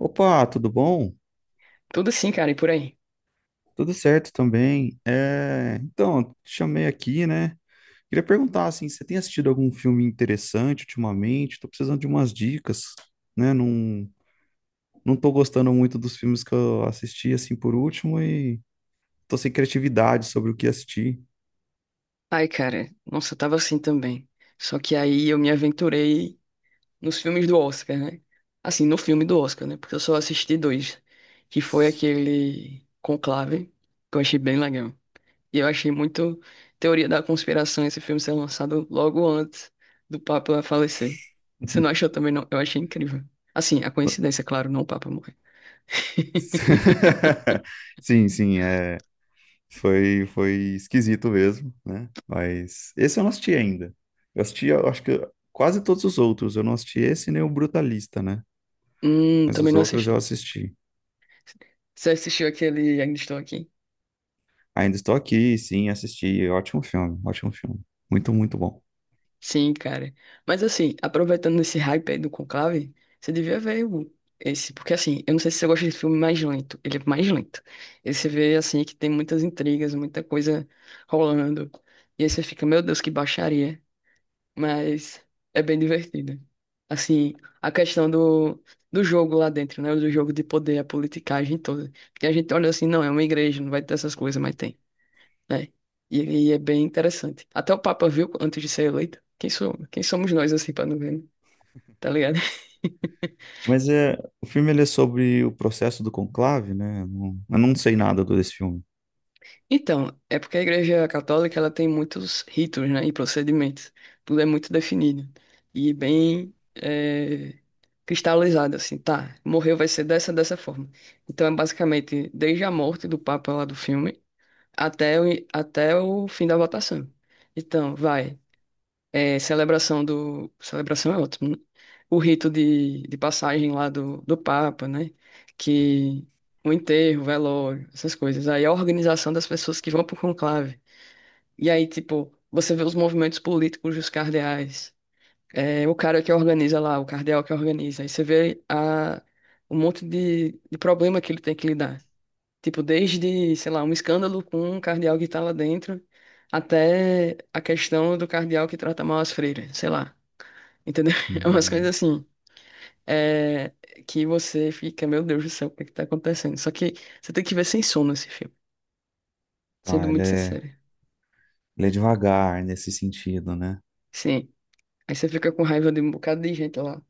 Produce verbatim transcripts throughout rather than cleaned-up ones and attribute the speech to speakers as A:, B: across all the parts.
A: Opa, tudo bom?
B: Tudo assim, cara, e por aí.
A: Tudo certo também. É, então, te chamei aqui, né? Queria perguntar assim, você tem assistido algum filme interessante ultimamente? Tô precisando de umas dicas, né? Não, não tô gostando muito dos filmes que eu assisti assim por último e tô sem criatividade sobre o que assistir.
B: Ai, cara, nossa, eu tava assim também. Só que aí eu me aventurei nos filmes do Oscar, né? Assim, no filme do Oscar, né? Porque eu só assisti dois, que foi aquele Conclave, que eu achei bem legal. E eu achei muito teoria da conspiração esse filme ser lançado logo antes do Papa falecer. Você não achou também, não? Eu achei incrível. Assim, a coincidência, é claro, não o Papa morrer.
A: Sim, sim, é. Foi, foi esquisito mesmo, né? Mas esse eu não assisti ainda. Eu assisti, eu acho que quase todos os outros. Eu não assisti esse nem o Brutalista, né?
B: Hum,
A: Mas
B: também
A: os
B: não
A: outros
B: assisti.
A: eu assisti.
B: Você assistiu aquele Ainda Estou Aqui?
A: Ainda estou aqui, sim, assisti. Ótimo filme, ótimo filme. Muito, muito bom.
B: Sim, cara. Mas assim, aproveitando esse hype aí do Conclave, você devia ver o- esse, porque assim, eu não sei se você gosta de filme mais lento, ele é mais lento. E você vê assim que tem muitas intrigas, muita coisa rolando. E aí você fica, meu Deus, que baixaria. Mas é bem divertido. Assim, a questão do, do jogo lá dentro, né? Do jogo de poder, a politicagem toda. Que a gente olha assim, não, é uma igreja, não vai ter essas coisas, mas tem. É. E, e é bem interessante. Até o Papa viu antes de ser eleito. Quem sou, quem somos nós, assim, pra não ver, né? Tá ligado?
A: Mas é, o filme ele é sobre o processo do conclave, né? Eu não, eu não sei nada do- desse filme.
B: Então, é porque a Igreja Católica ela tem muitos ritos, né, e procedimentos. Tudo é muito definido e bem eh, cristalizado, assim, tá? Morreu vai ser dessa dessa forma. Então é basicamente desde a morte do Papa lá do filme até o, até o fim da votação. Então, vai. É, celebração do. Celebração é ótimo, né? O rito de, de passagem lá do, do Papa, né? Que o enterro, o velório, essas coisas. Aí a organização das pessoas que vão pro conclave. E aí, tipo, você vê os movimentos políticos dos cardeais. É, o cara que organiza lá, o cardeal que organiza. Aí você vê a, um monte de, de problema que ele tem que lidar. Tipo, desde, sei lá, um escândalo com um cardeal que tá lá dentro, até a questão do cardeal que trata mal as freiras, sei lá. Entendeu? É umas coisas
A: Hum,
B: assim. É, que você fica, meu Deus do céu, o que é que tá acontecendo? Só que você tem que ver sem sono esse filme, sendo
A: tá, ele
B: muito
A: é,
B: sincero.
A: ele é devagar nesse sentido, né?
B: Sim. Aí você fica com raiva de um bocado de gente lá.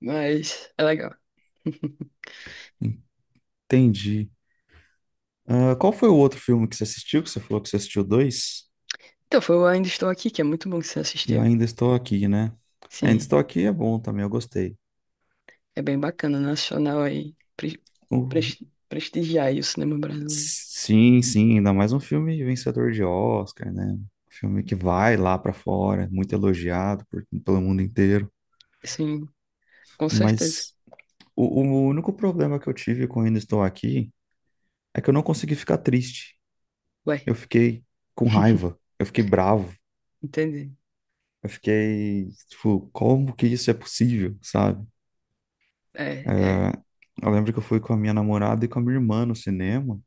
B: Mas é legal.
A: Entendi. Ah, qual foi o outro filme que você assistiu? Que você falou que você assistiu dois?
B: Então, foi o Ainda Estou Aqui, que é muito bom que você
A: Eu
B: assistiu.
A: ainda estou aqui, né? Ainda
B: Sim,
A: estou aqui é bom também, eu gostei.
B: é bem bacana, nacional aí. Pre
A: O-
B: pres- prestigiar aí o cinema brasileiro.
A: Sim, sim, ainda mais um filme vencedor de Oscar, né? Um filme que vai lá pra fora, muito elogiado por- pelo mundo inteiro.
B: Sim, com certeza.
A: Mas o, o único problema que eu tive com Ainda Estou Aqui é que eu não consegui ficar triste.
B: Ué,
A: Eu fiquei com raiva, eu fiquei bravo,
B: entendi.
A: eu fiquei, tipo, como que isso é possível, sabe?
B: É,
A: É,
B: é.
A: eu lembro que eu fui com a minha namorada e com a minha irmã no cinema.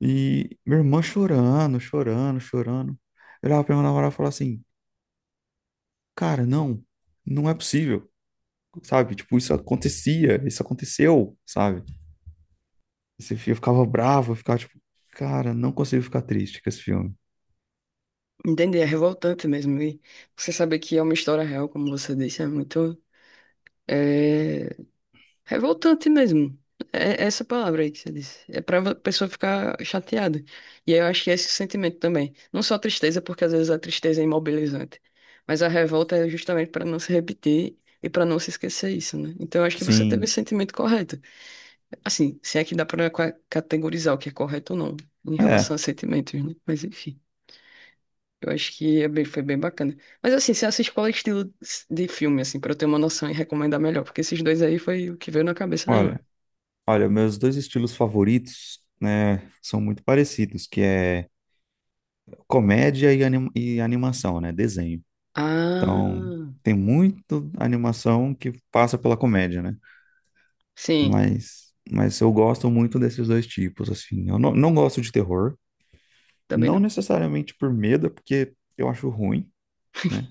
A: E minha irmã chorando, chorando, chorando. Eu olhava pra minha namorada e falava assim, cara, não, não é possível, sabe? Tipo, isso acontecia, isso aconteceu, sabe? Esse filme eu ficava bravo, eu ficava tipo, cara, não consigo ficar triste com esse filme.
B: Entendi, é revoltante mesmo. E você saber que é uma história real, como você disse, é muito. É revoltante mesmo. É essa palavra aí que você disse. É pra pessoa ficar chateada. E aí eu acho que é esse sentimento também. Não só a tristeza, porque às vezes a tristeza é imobilizante. Mas a revolta é justamente para não se repetir e para não se esquecer isso, né? Então eu acho que você teve o
A: Sim,
B: sentimento correto. Assim, se é que dá pra qua- categorizar o que é correto ou não em relação
A: é,
B: a sentimentos, né? Mas enfim. Eu acho que é bem- foi bem bacana. Mas assim, se essa escola é estilo de filme, assim, pra eu ter uma noção e recomendar melhor, porque esses dois aí foi o que veio na cabeça na hora.
A: olha, olha, meus dois estilos favoritos, né, são muito parecidos, que é comédia e, anim- e animação, né, desenho. Então,
B: Ah,
A: tem muito animação que passa pela comédia, né?
B: sim,
A: Mas, mas eu gosto muito desses dois tipos, assim. Eu não, não gosto de terror,
B: também
A: não
B: não.
A: necessariamente por medo, porque eu acho ruim, né?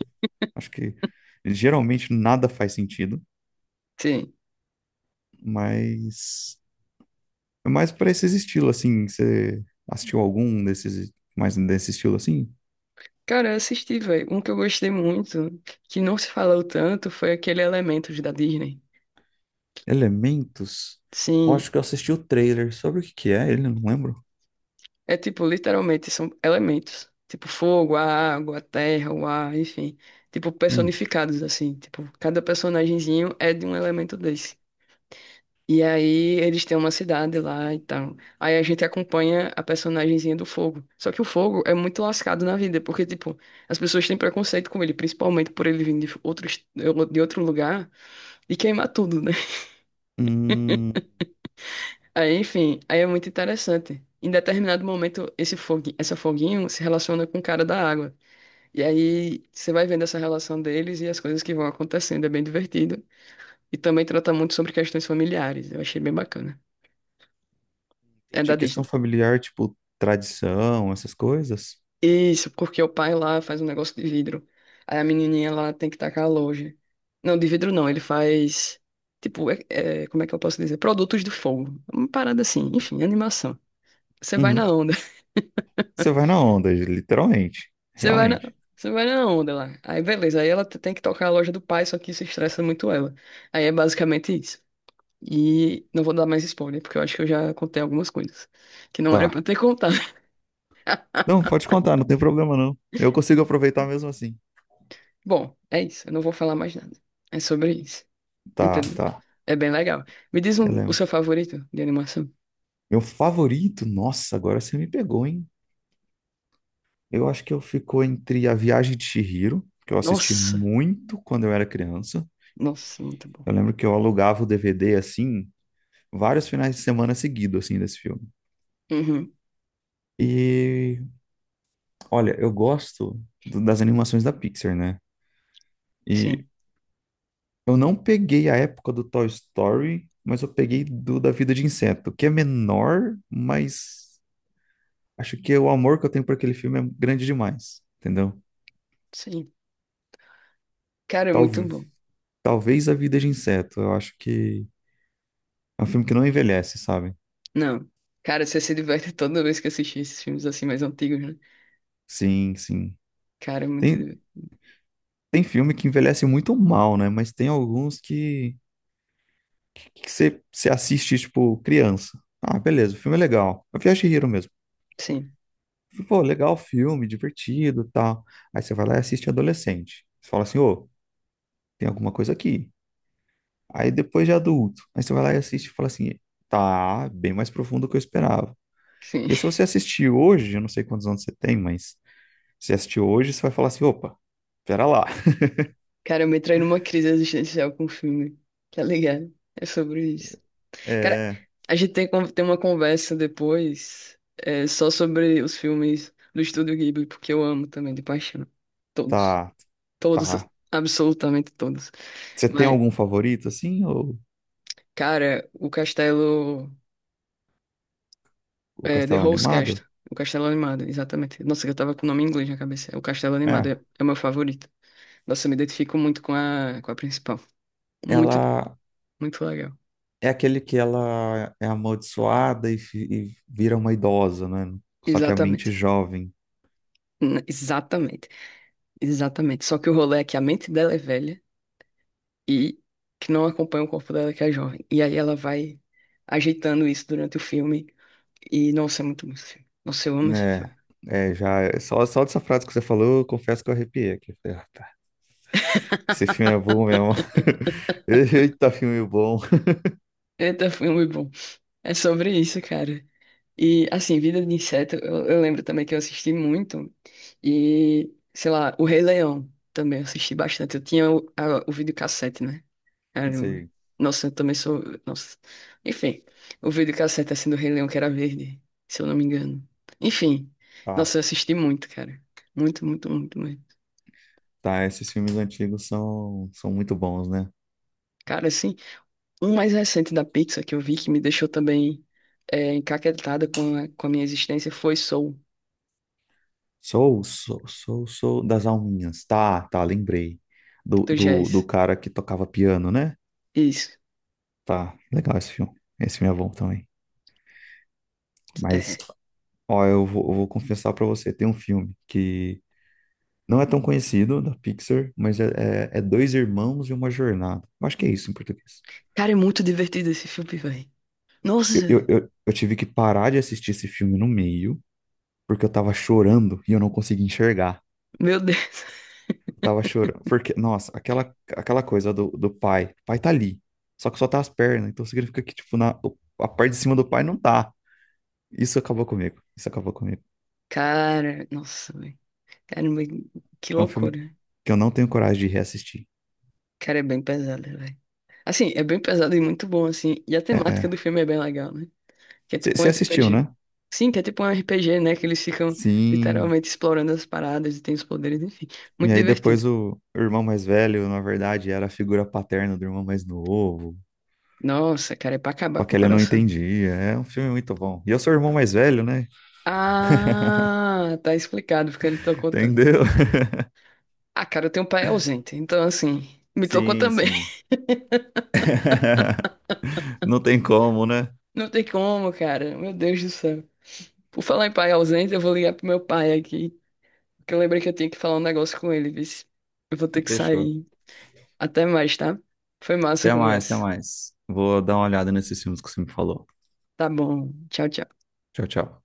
A: Acho que geralmente nada faz sentido,
B: Sim.
A: mas é mais para esses estilos, assim. Você assistiu algum desses, mais desse estilo, assim?
B: Cara, eu assisti, velho. Um que eu gostei muito, que não se falou tanto, foi aquele Elementos da Disney.
A: Elementos? Eu acho
B: Sim.
A: que eu assisti o trailer. Sobre o que que é ele, eu não lembro.
B: É tipo, literalmente, são elementos. Tipo, fogo, a água, a terra, o ar, enfim. Tipo,
A: Hum.
B: personificados, assim. Tipo, cada personagemzinho é de um elemento desse. E aí eles têm uma cidade lá e tal. Aí a gente acompanha a personagenzinha do Fogo. Só que o Fogo é muito lascado na vida, porque, tipo, as pessoas têm preconceito com ele, principalmente por ele vir de outro, est- de outro lugar e queimar tudo, né?
A: Hum,
B: Aí, enfim, aí é muito interessante. Em determinado momento, esse fogo, essa foguinho se relaciona com o cara da água. E aí você vai vendo essa relação deles e as coisas que vão acontecendo. É bem divertido. E também trata muito sobre questões familiares. Eu achei bem bacana. É da
A: de questão
B: Disney.
A: familiar, tipo, tradição, essas coisas.
B: Isso, porque o pai lá faz um negócio de vidro. Aí a menininha lá tem que tacar longe. Não, de vidro não, ele faz. Tipo, é- é, como é que eu posso dizer? Produtos do fogo. Uma parada assim, enfim, animação. Você vai na
A: Uhum.
B: onda.
A: Você vai na onda, literalmente.
B: Você vai na,
A: Realmente.
B: você vai na onda lá. Aí beleza, aí ela t- tem que tocar a loja do pai, só que isso estressa muito ela. Aí é basicamente isso. E não vou dar mais spoiler, porque eu acho que eu já contei algumas coisas que não era
A: Tá.
B: pra ter contado.
A: Não, pode contar, não tem problema não. Eu consigo aproveitar mesmo assim.
B: Bom, é isso, eu não vou falar mais nada. É sobre isso.
A: Tá,
B: Entendeu?
A: tá.
B: É bem legal. Me diz
A: Eu
B: um- o seu
A: lembro.
B: favorito de animação.
A: Meu favorito, nossa, agora você me pegou, hein? Eu acho que eu ficou entre A Viagem de Chihiro, que eu assisti
B: Nossa,
A: muito quando eu era criança.
B: nossa, muito bom.
A: Eu lembro que eu alugava o D V D assim, vários finais de semana seguidos, assim, desse filme.
B: Uhum,
A: E, olha, eu gosto do- das animações da Pixar, né? E
B: sim,
A: eu não peguei a época do Toy Story, mas eu peguei do Da Vida de Inseto, que é menor, mas acho que o amor que eu tenho por aquele filme é grande demais, entendeu?
B: sim. Cara, é muito
A: Talve-
B: bom.
A: talvez A Vida de Inseto, eu acho que é um filme que não envelhece, sabe?
B: Não. Cara, você se diverte toda vez que assiste esses filmes assim mais antigos, né?
A: Sim, sim.
B: Cara, é muito.
A: Tem,
B: div-
A: tem filme que envelhece muito mal, né? Mas tem alguns que que você você assiste, tipo, criança. Ah, beleza, o filme é legal. A Viagem de Hiro mesmo.
B: Sim,
A: Pô, legal o filme, divertido e tal. Aí você vai lá e assiste adolescente. Você fala assim, ô, tem alguma coisa aqui. Aí depois de adulto, aí você vai lá e assiste e fala assim, tá bem mais profundo do que eu esperava.
B: sim.
A: E aí, se você assistir hoje, eu não sei quantos anos você tem, mas se assistir hoje, você vai falar assim, opa, pera lá.
B: Cara, eu me trai numa crise existencial com o filme. Tá ligado? É sobre isso. Cara,
A: É,
B: a gente tem, con- tem uma conversa depois é, só sobre os filmes do Estúdio Ghibli, porque eu amo também, de paixão. Todos.
A: tá,
B: Todos,
A: tá.
B: absolutamente todos.
A: Você tem
B: Mas,
A: algum favorito, assim, ou
B: cara, o castelo.
A: o
B: É, The
A: Castelo
B: House
A: Animado?
B: Castle. O castelo animado, exatamente. Nossa, eu tava com o nome em inglês na cabeça. O castelo animado é,
A: É,
B: é o meu favorito. Nossa, eu me identifico muito com a, com a principal. Muito,
A: ela
B: muito legal.
A: é aquele que ela é amaldiçoada e, fi- e vira uma idosa, né? Só que a mente
B: Exatamente.
A: jovem,
B: N- Exatamente. Exatamente. Só que o rolê é que a mente dela é velha e que não acompanha o corpo dela, que é jovem. E aí ela vai ajeitando isso durante o filme. E, nossa, é muito bom esse filme. Nossa, eu amo esse
A: né?
B: filme.
A: É, já, só, só dessa frase que você falou, eu confesso que eu arrepiei aqui. Esse filme é bom mesmo. Eita, filme bom.
B: Eita, foi muito bom. É sobre isso, cara. E, assim, Vida de Inseto, eu, eu lembro também que eu assisti muito. E, sei lá, O Rei Leão também eu assisti bastante. Eu tinha o, a, o videocassete, né?
A: Não
B: Caramba.
A: sei.
B: Nossa, eu também sou. Nossa. Enfim, o videocassete assim do Rei Leão, que era verde, se eu não me engano. Enfim,
A: Tá,
B: nossa, eu assisti muito, cara. Muito, muito, muito, muito.
A: tá. Esses filmes antigos são, são muito bons, né?
B: Cara, assim. Um mais recente da Pixar que eu vi que me deixou também é, encaquetada com a, com a minha existência foi Soul, do
A: Sou, sou, sou, sou das alminhas. Tá, tá, lembrei. Do,
B: tu
A: do, do cara que tocava piano, né?
B: Isso.
A: Tá, legal esse filme. Esse filme é bom também. Mas,
B: É.
A: ó, eu vou, eu vou confessar pra você, tem um filme que não é tão conhecido, da Pixar, mas é, é, é Dois Irmãos e Uma Jornada. Eu acho que é isso em português.
B: Cara, é muito divertido esse filme, velho. Nossa,
A: Eu, eu, eu, eu tive que parar de assistir esse filme no meio, porque eu tava chorando e eu não conseguia enxergar.
B: meu Deus.
A: Eu tava chorando, porque, nossa, aquela, aquela coisa do, do pai. O pai tá ali, só que só tá as pernas, então significa que, tipo, na, a parte de cima do pai não tá. Isso acabou comigo, isso acabou comigo.
B: Cara, nossa, velho. Caramba, que
A: É um filme
B: loucura.
A: que eu não tenho coragem de reassistir.
B: Cara, é bem pesado, velho. Assim, é bem pesado e muito bom, assim. E a
A: É,
B: temática do
A: é.
B: filme é bem legal, né? Que é tipo um
A: Você assistiu,
B: R P G.
A: né?
B: Sim, que é tipo um R P G, né? Que eles ficam
A: Sim.
B: literalmente explorando as paradas e tem os poderes, enfim.
A: E
B: Muito
A: aí
B: divertido.
A: depois o, o irmão mais velho, na verdade, era a figura paterna do irmão mais novo.
B: Nossa, cara, é pra acabar
A: Só
B: com
A: que
B: o
A: ele não
B: coração.
A: entendia. É um filme muito bom. E eu sou o irmão mais velho, né?
B: Ah, tá explicado porque ele tocou tanto.
A: Entendeu?
B: Ah, cara, eu tenho um pai ausente, então assim, me tocou
A: Sim,
B: também.
A: sim. Não tem como, né?
B: Não tem como, cara. Meu Deus do céu. Por falar em pai ausente, eu vou ligar pro meu pai aqui, porque eu lembrei que eu tinha que falar um negócio com ele, vice. Eu vou ter que
A: Fechou.
B: sair. Até mais, tá? Foi massa a
A: Até mais, até
B: conversa.
A: mais. Vou dar uma olhada nesses filmes que você me falou.
B: Tá bom. Tchau, tchau.
A: Tchau, tchau.